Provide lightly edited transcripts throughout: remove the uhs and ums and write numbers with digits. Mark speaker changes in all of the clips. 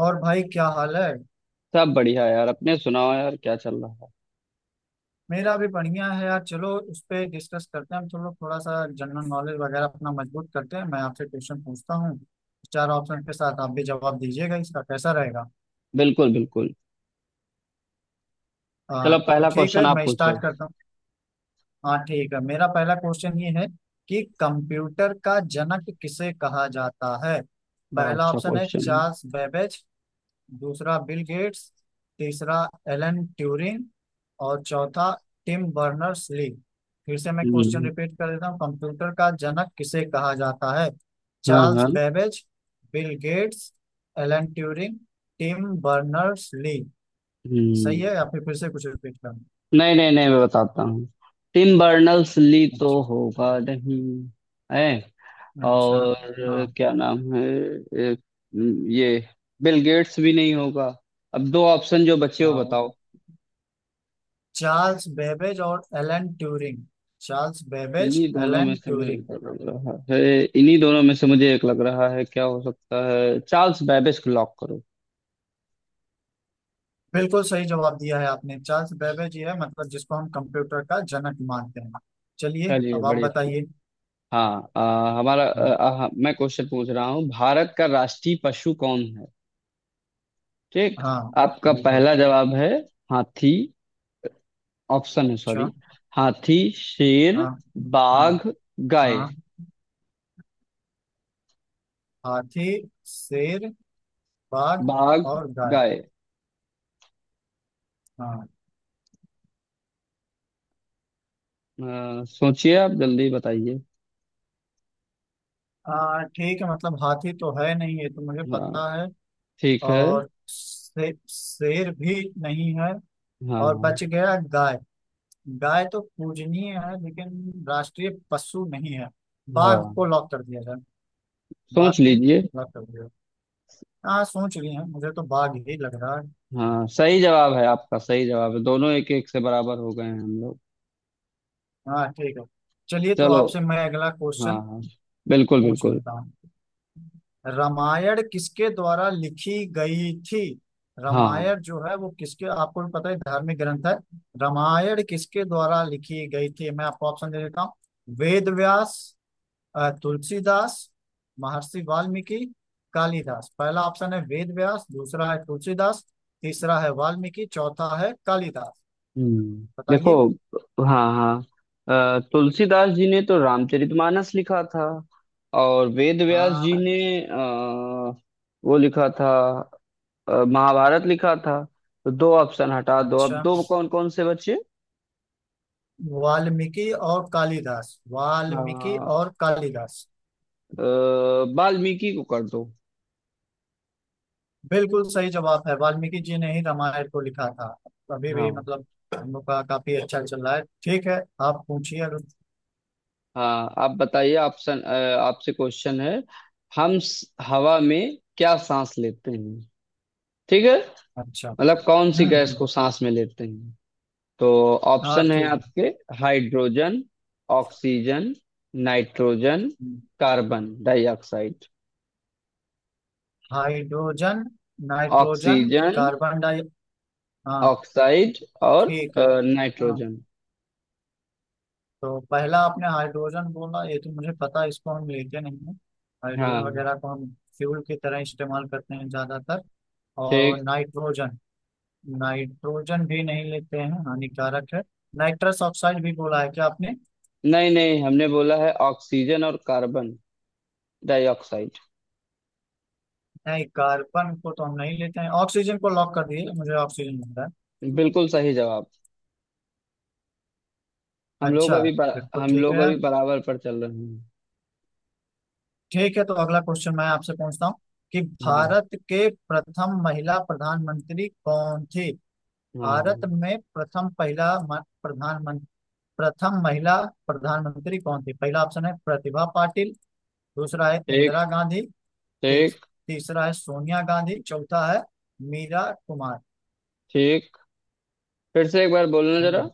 Speaker 1: और भाई क्या हाल है।
Speaker 2: सब बढ़िया यार। अपने सुनाओ यार, क्या चल रहा है?
Speaker 1: मेरा भी बढ़िया है यार। चलो उस पे डिस्कस करते हैं। हम थोड़ा थोड़ा सा जनरल नॉलेज वगैरह अपना मजबूत करते हैं। मैं आपसे क्वेश्चन पूछता हूँ चार ऑप्शन के साथ। आप भी जवाब दीजिएगा, इसका कैसा रहेगा?
Speaker 2: बिल्कुल बिल्कुल।
Speaker 1: हाँ
Speaker 2: चलो,
Speaker 1: तो
Speaker 2: पहला
Speaker 1: ठीक
Speaker 2: क्वेश्चन
Speaker 1: है,
Speaker 2: आप
Speaker 1: मैं
Speaker 2: पूछो।
Speaker 1: स्टार्ट करता हूँ। हाँ ठीक है, मेरा पहला क्वेश्चन ये है कि कंप्यूटर का जनक किसे कहा जाता है?
Speaker 2: बड़ा
Speaker 1: पहला
Speaker 2: अच्छा
Speaker 1: ऑप्शन है
Speaker 2: क्वेश्चन है।
Speaker 1: Charles Babbage. दूसरा बिल गेट्स। तीसरा एलन ट्यूरिंग। और चौथा टिम बर्नर्स ली। फिर से मैं
Speaker 2: हम्म,
Speaker 1: क्वेश्चन
Speaker 2: हम्म।
Speaker 1: रिपीट कर देता हूँ। कंप्यूटर का जनक किसे कहा जाता है?
Speaker 2: हाँ
Speaker 1: चार्ल्स
Speaker 2: हाँ।
Speaker 1: Babbage, Bill Gates, Alan Turing, Tim Berners Lee. सही
Speaker 2: हम्म
Speaker 1: है या फिर से कुछ रिपीट करना?
Speaker 2: नहीं नहीं नहीं, मैं बताता हूँ। टिम बर्नर्स ली तो
Speaker 1: अच्छा।
Speaker 2: होगा नहीं। है।
Speaker 1: अच्छा।
Speaker 2: और
Speaker 1: हाँ,
Speaker 2: क्या नाम है? ए, ये बिल गेट्स भी नहीं होगा। अब दो ऑप्शन जो बचे हो
Speaker 1: हाँ।
Speaker 2: बताओ।
Speaker 1: चार्ल्स बेबेज और एलन ट्यूरिंग। चार्ल्स बेबेज,
Speaker 2: इन्हीं दोनों में
Speaker 1: एलन
Speaker 2: से मुझे
Speaker 1: ट्यूरिंग।
Speaker 2: एक लग रहा है। इन्हीं दोनों में से मुझे एक लग रहा है, क्या हो सकता है? चार्ल्स बैबेज को लॉक करो।
Speaker 1: बिल्कुल सही जवाब दिया है आपने। चार्ल्स बेबेज ये है, मतलब जिसको हम कंप्यूटर का जनक मानते हैं। चलिए
Speaker 2: चलिए
Speaker 1: अब आप
Speaker 2: बड़ी अच्छी।
Speaker 1: बताइए।
Speaker 2: हाँ, हमारा आ, आ, मैं क्वेश्चन पूछ रहा हूँ। भारत का राष्ट्रीय पशु कौन है? ठीक।
Speaker 1: हाँ,
Speaker 2: आपका
Speaker 1: बिल्कुल।
Speaker 2: पहला जवाब है हाथी। ऑप्शन है,
Speaker 1: अच्छा।
Speaker 2: सॉरी। हाथी, शेर,
Speaker 1: हाँ, हाँ,
Speaker 2: बाघ, गाय।
Speaker 1: हाँ। हाथी, शेर, बाघ
Speaker 2: बाघ,
Speaker 1: और गाय।
Speaker 2: गाय।
Speaker 1: हाँ,
Speaker 2: सोचिए, आप जल्दी बताइए।
Speaker 1: हाँ ठीक है। मतलब हाथी तो है नहीं, ये तो मुझे
Speaker 2: हाँ
Speaker 1: पता है।
Speaker 2: ठीक है।
Speaker 1: और शेर भी नहीं है। और
Speaker 2: हाँ
Speaker 1: बच गया गाय। गाय तो पूजनीय है लेकिन राष्ट्रीय पशु नहीं है। बाघ को
Speaker 2: हाँ।
Speaker 1: लॉक कर दिया जाए। बाघ
Speaker 2: सोच
Speaker 1: को,
Speaker 2: लीजिए।
Speaker 1: बाघ कर दिया। हाँ, सोच रही हैं, मुझे तो बाघ ही लग रहा है।
Speaker 2: हाँ सही जवाब है आपका, सही जवाब है। दोनों एक एक से बराबर हो गए हैं हम लोग।
Speaker 1: हाँ ठीक है। चलिए तो
Speaker 2: चलो।
Speaker 1: आपसे मैं अगला
Speaker 2: हाँ
Speaker 1: क्वेश्चन
Speaker 2: हाँ। बिल्कुल
Speaker 1: पूछ
Speaker 2: बिल्कुल।
Speaker 1: लेता हूँ। रामायण किसके द्वारा लिखी गई थी?
Speaker 2: हाँ।
Speaker 1: रामायण जो है वो किसके, आपको भी पता है धार्मिक ग्रंथ है। रामायण किसके द्वारा लिखी गई थी? मैं आपको ऑप्शन दे देता हूँ। वेद व्यास, तुलसीदास, महर्षि वाल्मीकि, कालिदास। पहला ऑप्शन है वेद व्यास। दूसरा है तुलसीदास। तीसरा है वाल्मीकि। चौथा है कालिदास।
Speaker 2: हम्म, देखो।
Speaker 1: बताइए।
Speaker 2: हाँ हाँ। तुलसीदास जी ने तो रामचरितमानस लिखा था। और वेद व्यास जी
Speaker 1: हाँ।
Speaker 2: ने अ, वो लिखा था, महाभारत लिखा था। तो दो ऑप्शन हटा दो, अब
Speaker 1: अच्छा।
Speaker 2: दो कौन कौन से बचे?
Speaker 1: वाल्मीकि और कालिदास। वाल्मीकि
Speaker 2: अ,
Speaker 1: और कालिदास।
Speaker 2: अ, वाल्मीकि को कर दो।
Speaker 1: बिल्कुल सही जवाब है। वाल्मीकि जी ने ही रामायण को लिखा था। अभी भी
Speaker 2: हाँ।
Speaker 1: मतलब हम लोग का काफी अच्छा चल रहा है, ठीक है। आप पूछिए अगर।
Speaker 2: हाँ आप बताइए ऑप्शन। आपसे क्वेश्चन है। हवा में क्या सांस लेते हैं? ठीक है?
Speaker 1: अच्छा।
Speaker 2: मतलब कौन सी
Speaker 1: हम्म
Speaker 2: गैस
Speaker 1: हम्म,
Speaker 2: को सांस में लेते हैं? तो
Speaker 1: हाँ
Speaker 2: ऑप्शन है
Speaker 1: ठीक है।
Speaker 2: आपके। हाइड्रोजन, ऑक्सीजन, नाइट्रोजन,
Speaker 1: हम्म,
Speaker 2: carbon dioxide.
Speaker 1: Hydrogen, nitrogen,
Speaker 2: oxygen.
Speaker 1: Carbon di, हाँ
Speaker 2: ऑक्साइड। और
Speaker 1: ठीक है। हाँ
Speaker 2: नाइट्रोजन।
Speaker 1: तो पहला आपने हाइड्रोजन बोला, ये तो मुझे पता है, इसको हम लेते नहीं हैं। हाइड्रोजन
Speaker 2: हाँ
Speaker 1: वगैरह को हम फ्यूल की तरह इस्तेमाल करते हैं ज्यादातर। और
Speaker 2: ठीक।
Speaker 1: नाइट्रोजन, नाइट्रोजन भी नहीं लेते हैं, हानिकारक है। नाइट्रस ऑक्साइड भी बोला है क्या आपने?
Speaker 2: नहीं नहीं, हमने बोला है ऑक्सीजन और कार्बन डाइऑक्साइड।
Speaker 1: नहीं, कार्बन को तो हम नहीं लेते हैं। ऑक्सीजन को लॉक कर दिए, मुझे ऑक्सीजन मिल रहा है।
Speaker 2: बिल्कुल सही जवाब। हम लोग
Speaker 1: अच्छा,
Speaker 2: अभी बर,
Speaker 1: फिर तो
Speaker 2: हम
Speaker 1: ठीक
Speaker 2: लोग
Speaker 1: है।
Speaker 2: अभी बराबर पर चल रहे हैं।
Speaker 1: ठीक है, तो अगला क्वेश्चन मैं आपसे पूछता हूँ कि
Speaker 2: हाँ।
Speaker 1: भारत के प्रथम महिला प्रधानमंत्री कौन थी। भारत
Speaker 2: हाँ।
Speaker 1: में प्रथम पहला प्रधानमंत्री, प्रथम महिला प्रधानमंत्री कौन थी? पहला ऑप्शन है प्रतिभा पाटिल। दूसरा है इंदिरा
Speaker 2: ठीक।
Speaker 1: गांधी। तीस-
Speaker 2: ठीक।
Speaker 1: तीसरा है सोनिया गांधी। चौथा है मीरा कुमार।
Speaker 2: ठीक। फिर से एक बार बोलना जरा।
Speaker 1: हम्म।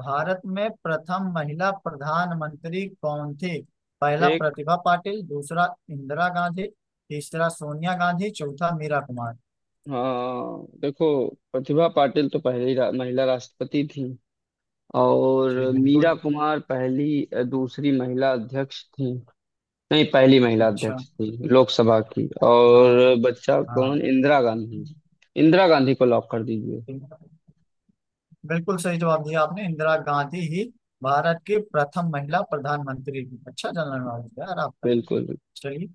Speaker 1: भारत में प्रथम महिला प्रधानमंत्री कौन थी? पहला
Speaker 2: ठीक।
Speaker 1: प्रतिभा पाटिल, दूसरा इंदिरा गांधी, तीसरा सोनिया गांधी, चौथा मीरा कुमार।
Speaker 2: हाँ देखो, प्रतिभा पाटिल तो पहली महिला राष्ट्रपति थी। और
Speaker 1: जी बिल्कुल।
Speaker 2: मीरा कुमार पहली दूसरी महिला अध्यक्ष थी। नहीं, पहली महिला
Speaker 1: अच्छा।
Speaker 2: अध्यक्ष थी लोकसभा की।
Speaker 1: हाँ,
Speaker 2: और बच्चा
Speaker 1: हाँ।
Speaker 2: कौन? इंदिरा गांधी। इंदिरा गांधी को लॉक कर दीजिए।
Speaker 1: ठीक। बिल्कुल सही जवाब दिया आपने। इंदिरा गांधी ही भारत की प्रथम महिला प्रधानमंत्री थी। अच्छा जनरल नॉलेज है यार आपका।
Speaker 2: बिल्कुल।
Speaker 1: चलिए।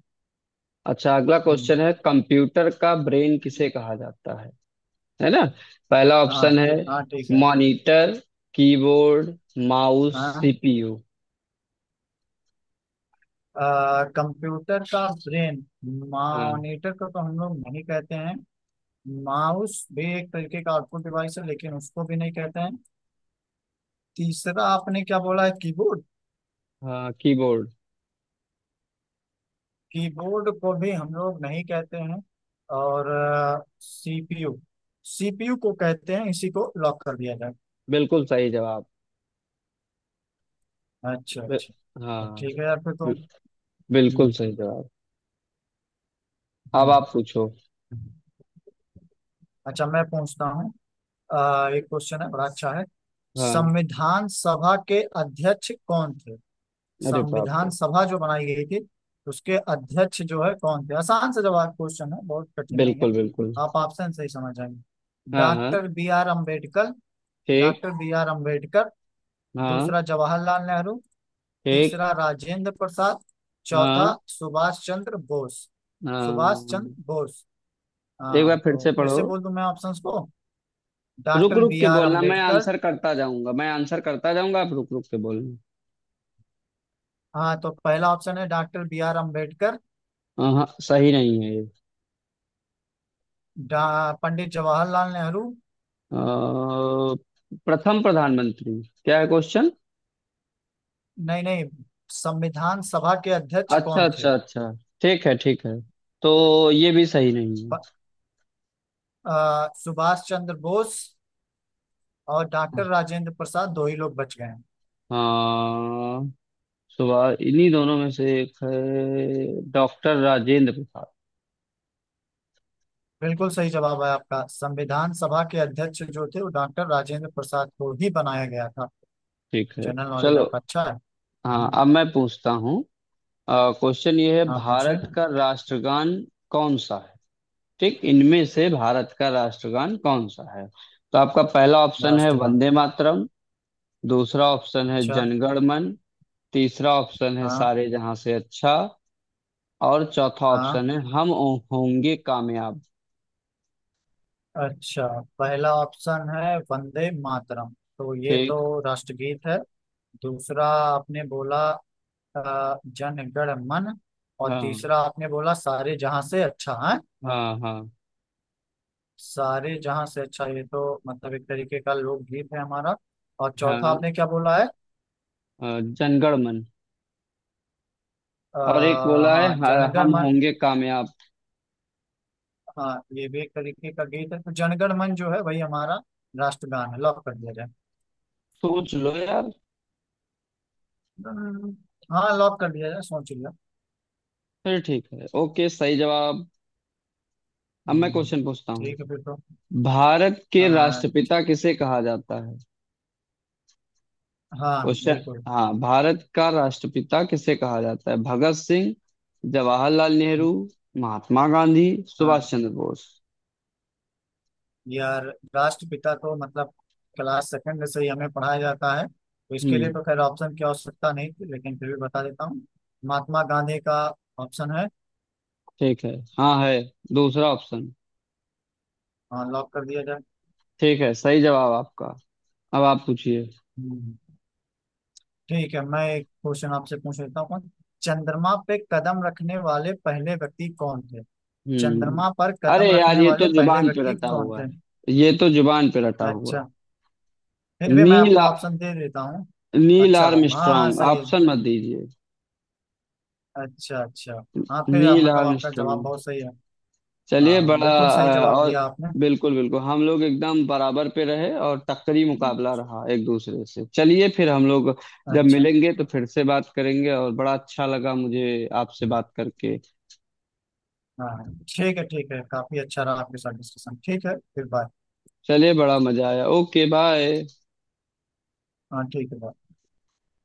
Speaker 2: अच्छा, अगला
Speaker 1: हम्म,
Speaker 2: क्वेश्चन है, कंप्यूटर का ब्रेन किसे कहा जाता है? है ना? पहला
Speaker 1: हाँ
Speaker 2: ऑप्शन है
Speaker 1: ठीक, हाँ ठीक है।
Speaker 2: मॉनिटर, कीबोर्ड, माउस,
Speaker 1: हाँ,
Speaker 2: सीपीयू।
Speaker 1: कंप्यूटर का ब्रेन।
Speaker 2: हाँ।
Speaker 1: मॉनिटर को तो हम लोग नहीं कहते हैं। माउस भी एक तरीके का आउटपुट डिवाइस है, लेकिन उसको भी नहीं कहते हैं। तीसरा आपने क्या बोला है, कीबोर्ड?
Speaker 2: हाँ कीबोर्ड।
Speaker 1: कीबोर्ड को भी हम लोग नहीं कहते हैं। और सीपीयू, सीपीयू को कहते हैं, इसी को लॉक कर दिया जाए।
Speaker 2: बिल्कुल सही जवाब।
Speaker 1: अच्छा,
Speaker 2: बि-
Speaker 1: अच्छा, तो
Speaker 2: हाँ।
Speaker 1: ठीक है यार फिर तो।
Speaker 2: बि- बिल्कुल
Speaker 1: हम्म।
Speaker 2: सही जवाब। अब
Speaker 1: हम्म।
Speaker 2: आप पूछो।
Speaker 1: हम्म। अच्छा, मैं पूछता हूँ। एक क्वेश्चन है, बड़ा अच्छा है।
Speaker 2: हाँ।
Speaker 1: संविधान सभा के अध्यक्ष कौन थे?
Speaker 2: अरे बाप रे।
Speaker 1: संविधान सभा जो बनाई गई थी उसके अध्यक्ष जो है कौन थे? आसान से जवाब क्वेश्चन है, बहुत कठिन नहीं है।
Speaker 2: बिल्कुल बिल्कुल।
Speaker 1: आप ऑप्शन से ही समझ जाएंगे।
Speaker 2: हाँ हाँ।
Speaker 1: Doctor B R Ambedkar. Doctor
Speaker 2: ठीक।
Speaker 1: B R Ambedkar.
Speaker 2: हाँ
Speaker 1: दूसरा जवाहरलाल नेहरू।
Speaker 2: ठीक।
Speaker 1: तीसरा राजेंद्र प्रसाद। चौथा
Speaker 2: हाँ
Speaker 1: सुभाष चंद्र बोस। सुभाष
Speaker 2: हाँ।
Speaker 1: चंद्र बोस। हाँ
Speaker 2: एक बार फिर
Speaker 1: तो
Speaker 2: से
Speaker 1: फिर
Speaker 2: पढ़ो।
Speaker 1: से बोल दूं मैं ऑप्शंस को।
Speaker 2: रुक
Speaker 1: डॉक्टर
Speaker 2: रुक
Speaker 1: बी
Speaker 2: के
Speaker 1: आर
Speaker 2: बोलना, मैं
Speaker 1: अम्बेडकर।
Speaker 2: आंसर करता जाऊंगा। मैं आंसर करता जाऊंगा, आप रुक रुक के बोलना।
Speaker 1: हाँ तो पहला ऑप्शन है डॉक्टर बी आर अम्बेडकर।
Speaker 2: हाँ हाँ, सही नहीं है ये।
Speaker 1: डा- पंडित जवाहरलाल नेहरू।
Speaker 2: अ, प्रथम प्रधानमंत्री क्या है क्वेश्चन?
Speaker 1: नहीं, नहीं, संविधान सभा के अध्यक्ष
Speaker 2: अच्छा
Speaker 1: कौन थे?
Speaker 2: अच्छा अच्छा, ठीक है ठीक है। तो ये भी सही नहीं है।
Speaker 1: प- सुभाष चंद्र बोस और डॉक्टर राजेंद्र प्रसाद, दो ही लोग बच गए हैं।
Speaker 2: हाँ। सुभाष, इन्हीं दोनों में से एक है। डॉक्टर राजेंद्र प्रसाद।
Speaker 1: बिल्कुल सही जवाब है आपका। संविधान सभा के अध्यक्ष जो थे वो डॉक्टर राजेंद्र प्रसाद को ही बनाया गया था।
Speaker 2: ठीक है।
Speaker 1: जनरल नॉलेज
Speaker 2: चलो।
Speaker 1: आपका अच्छा है।
Speaker 2: हाँ
Speaker 1: हम्म,
Speaker 2: अब मैं पूछता हूँ। क्वेश्चन ये है,
Speaker 1: हाँ पूछे।
Speaker 2: भारत का राष्ट्रगान कौन सा है? ठीक, इनमें से भारत का राष्ट्रगान कौन सा है? तो आपका पहला ऑप्शन है
Speaker 1: राष्ट्रगान।
Speaker 2: वंदे मातरम। दूसरा ऑप्शन है
Speaker 1: अच्छा।
Speaker 2: जनगण मन। तीसरा ऑप्शन है
Speaker 1: हाँ,
Speaker 2: सारे जहां से अच्छा। और चौथा
Speaker 1: हाँ।
Speaker 2: ऑप्शन है हम होंगे कामयाब।
Speaker 1: अच्छा। पहला ऑप्शन है वंदे मातरम, तो ये तो
Speaker 2: ठीक।
Speaker 1: राष्ट्रगीत है। दूसरा आपने बोला जन एंटर मन। और
Speaker 2: हाँ
Speaker 1: तीसरा आपने बोला सारे जहां से अच्छा है।
Speaker 2: हाँ। हाँ
Speaker 1: सारे जहां से अच्छा, ये तो मतलब एक तरीके का लोकगीत है हमारा। और चौथा
Speaker 2: हाँ।
Speaker 1: आपने क्या बोला है?
Speaker 2: जनगण मन।
Speaker 1: आ,
Speaker 2: और एक बोला है
Speaker 1: हाँ, जनगण
Speaker 2: हम
Speaker 1: मन।
Speaker 2: होंगे कामयाब।
Speaker 1: हाँ ये भी एक तरीके का गीत है। तो जनगण मन जो है वही हमारा राष्ट्रगान है, लॉक कर दिया जाए।
Speaker 2: सोच लो यार।
Speaker 1: हम्म, हाँ, लॉक कर दिया जाए, सोच लिया।
Speaker 2: फिर ठीक है, ओके सही जवाब। अब मैं
Speaker 1: हम्म।
Speaker 2: क्वेश्चन पूछता हूँ।
Speaker 1: ठीक है फिर तो।
Speaker 2: भारत के
Speaker 1: आ,
Speaker 2: राष्ट्रपिता किसे कहा जाता है?
Speaker 1: हाँ
Speaker 2: क्वेश्चन।
Speaker 1: बिल्कुल।
Speaker 2: हाँ, भारत का राष्ट्रपिता किसे कहा जाता है? भगत सिंह, जवाहरलाल नेहरू,
Speaker 1: हम्म,
Speaker 2: महात्मा गांधी,
Speaker 1: हाँ
Speaker 2: सुभाष चंद्र बोस।
Speaker 1: यार, राष्ट्रपिता तो मतलब क्लास सेकंड से ही हमें पढ़ाया जाता है, तो इसके लिए
Speaker 2: हम्म
Speaker 1: तो खैर ऑप्शन की आवश्यकता नहीं थी, लेकिन फिर भी बता देता हूँ। महात्मा गांधी का ऑप्शन है।
Speaker 2: ठीक है। हाँ है। दूसरा ऑप्शन।
Speaker 1: हाँ, लॉक कर दिया जाए।
Speaker 2: ठीक है सही जवाब आपका। अब आप पूछिए।
Speaker 1: हम्म। ठीक है, मैं एक क्वेश्चन आपसे पूछ लेता हूँ। चंद्रमा पे कदम रखने वाले पहले व्यक्ति कौन थे?
Speaker 2: हम्म
Speaker 1: चंद्रमा पर
Speaker 2: अरे
Speaker 1: कदम
Speaker 2: यार,
Speaker 1: रखने
Speaker 2: ये तो
Speaker 1: वाले पहले
Speaker 2: जुबान पे
Speaker 1: व्यक्ति
Speaker 2: रटा
Speaker 1: कौन
Speaker 2: हुआ
Speaker 1: थे?
Speaker 2: है, ये तो जुबान पे रटा हुआ है।
Speaker 1: अच्छा, फिर भी मैं
Speaker 2: नील।
Speaker 1: आपको ऑप्शन दे देता हूँ।
Speaker 2: नील
Speaker 1: अच्छा, हाँ हाँ
Speaker 2: आर्मस्ट्रांग,
Speaker 1: सही है।
Speaker 2: ऑप्शन मत दीजिए।
Speaker 1: अच्छा, अच्छा। हाँ फिर
Speaker 2: नील
Speaker 1: मतलब आपका
Speaker 2: आर्मस्ट्रांग।
Speaker 1: जवाब बहुत सही है।
Speaker 2: चलिए
Speaker 1: हाँ,
Speaker 2: बड़ा।
Speaker 1: बिल्कुल सही जवाब
Speaker 2: और
Speaker 1: दिया आपने।
Speaker 2: बिल्कुल बिल्कुल, हम लोग एकदम बराबर पे रहे और टक्करी मुकाबला रहा एक दूसरे से। चलिए फिर हम लोग जब
Speaker 1: अच्छा।
Speaker 2: मिलेंगे तो फिर से बात करेंगे। और बड़ा अच्छा लगा मुझे आपसे बात करके।
Speaker 1: हाँ ठीक है, ठीक है, काफी अच्छा रहा आपके साथ डिस्कशन। ठीक है, फिर बाय।
Speaker 2: चलिए बड़ा मजा आया। Okay bye.
Speaker 1: हाँ ठीक है, bye।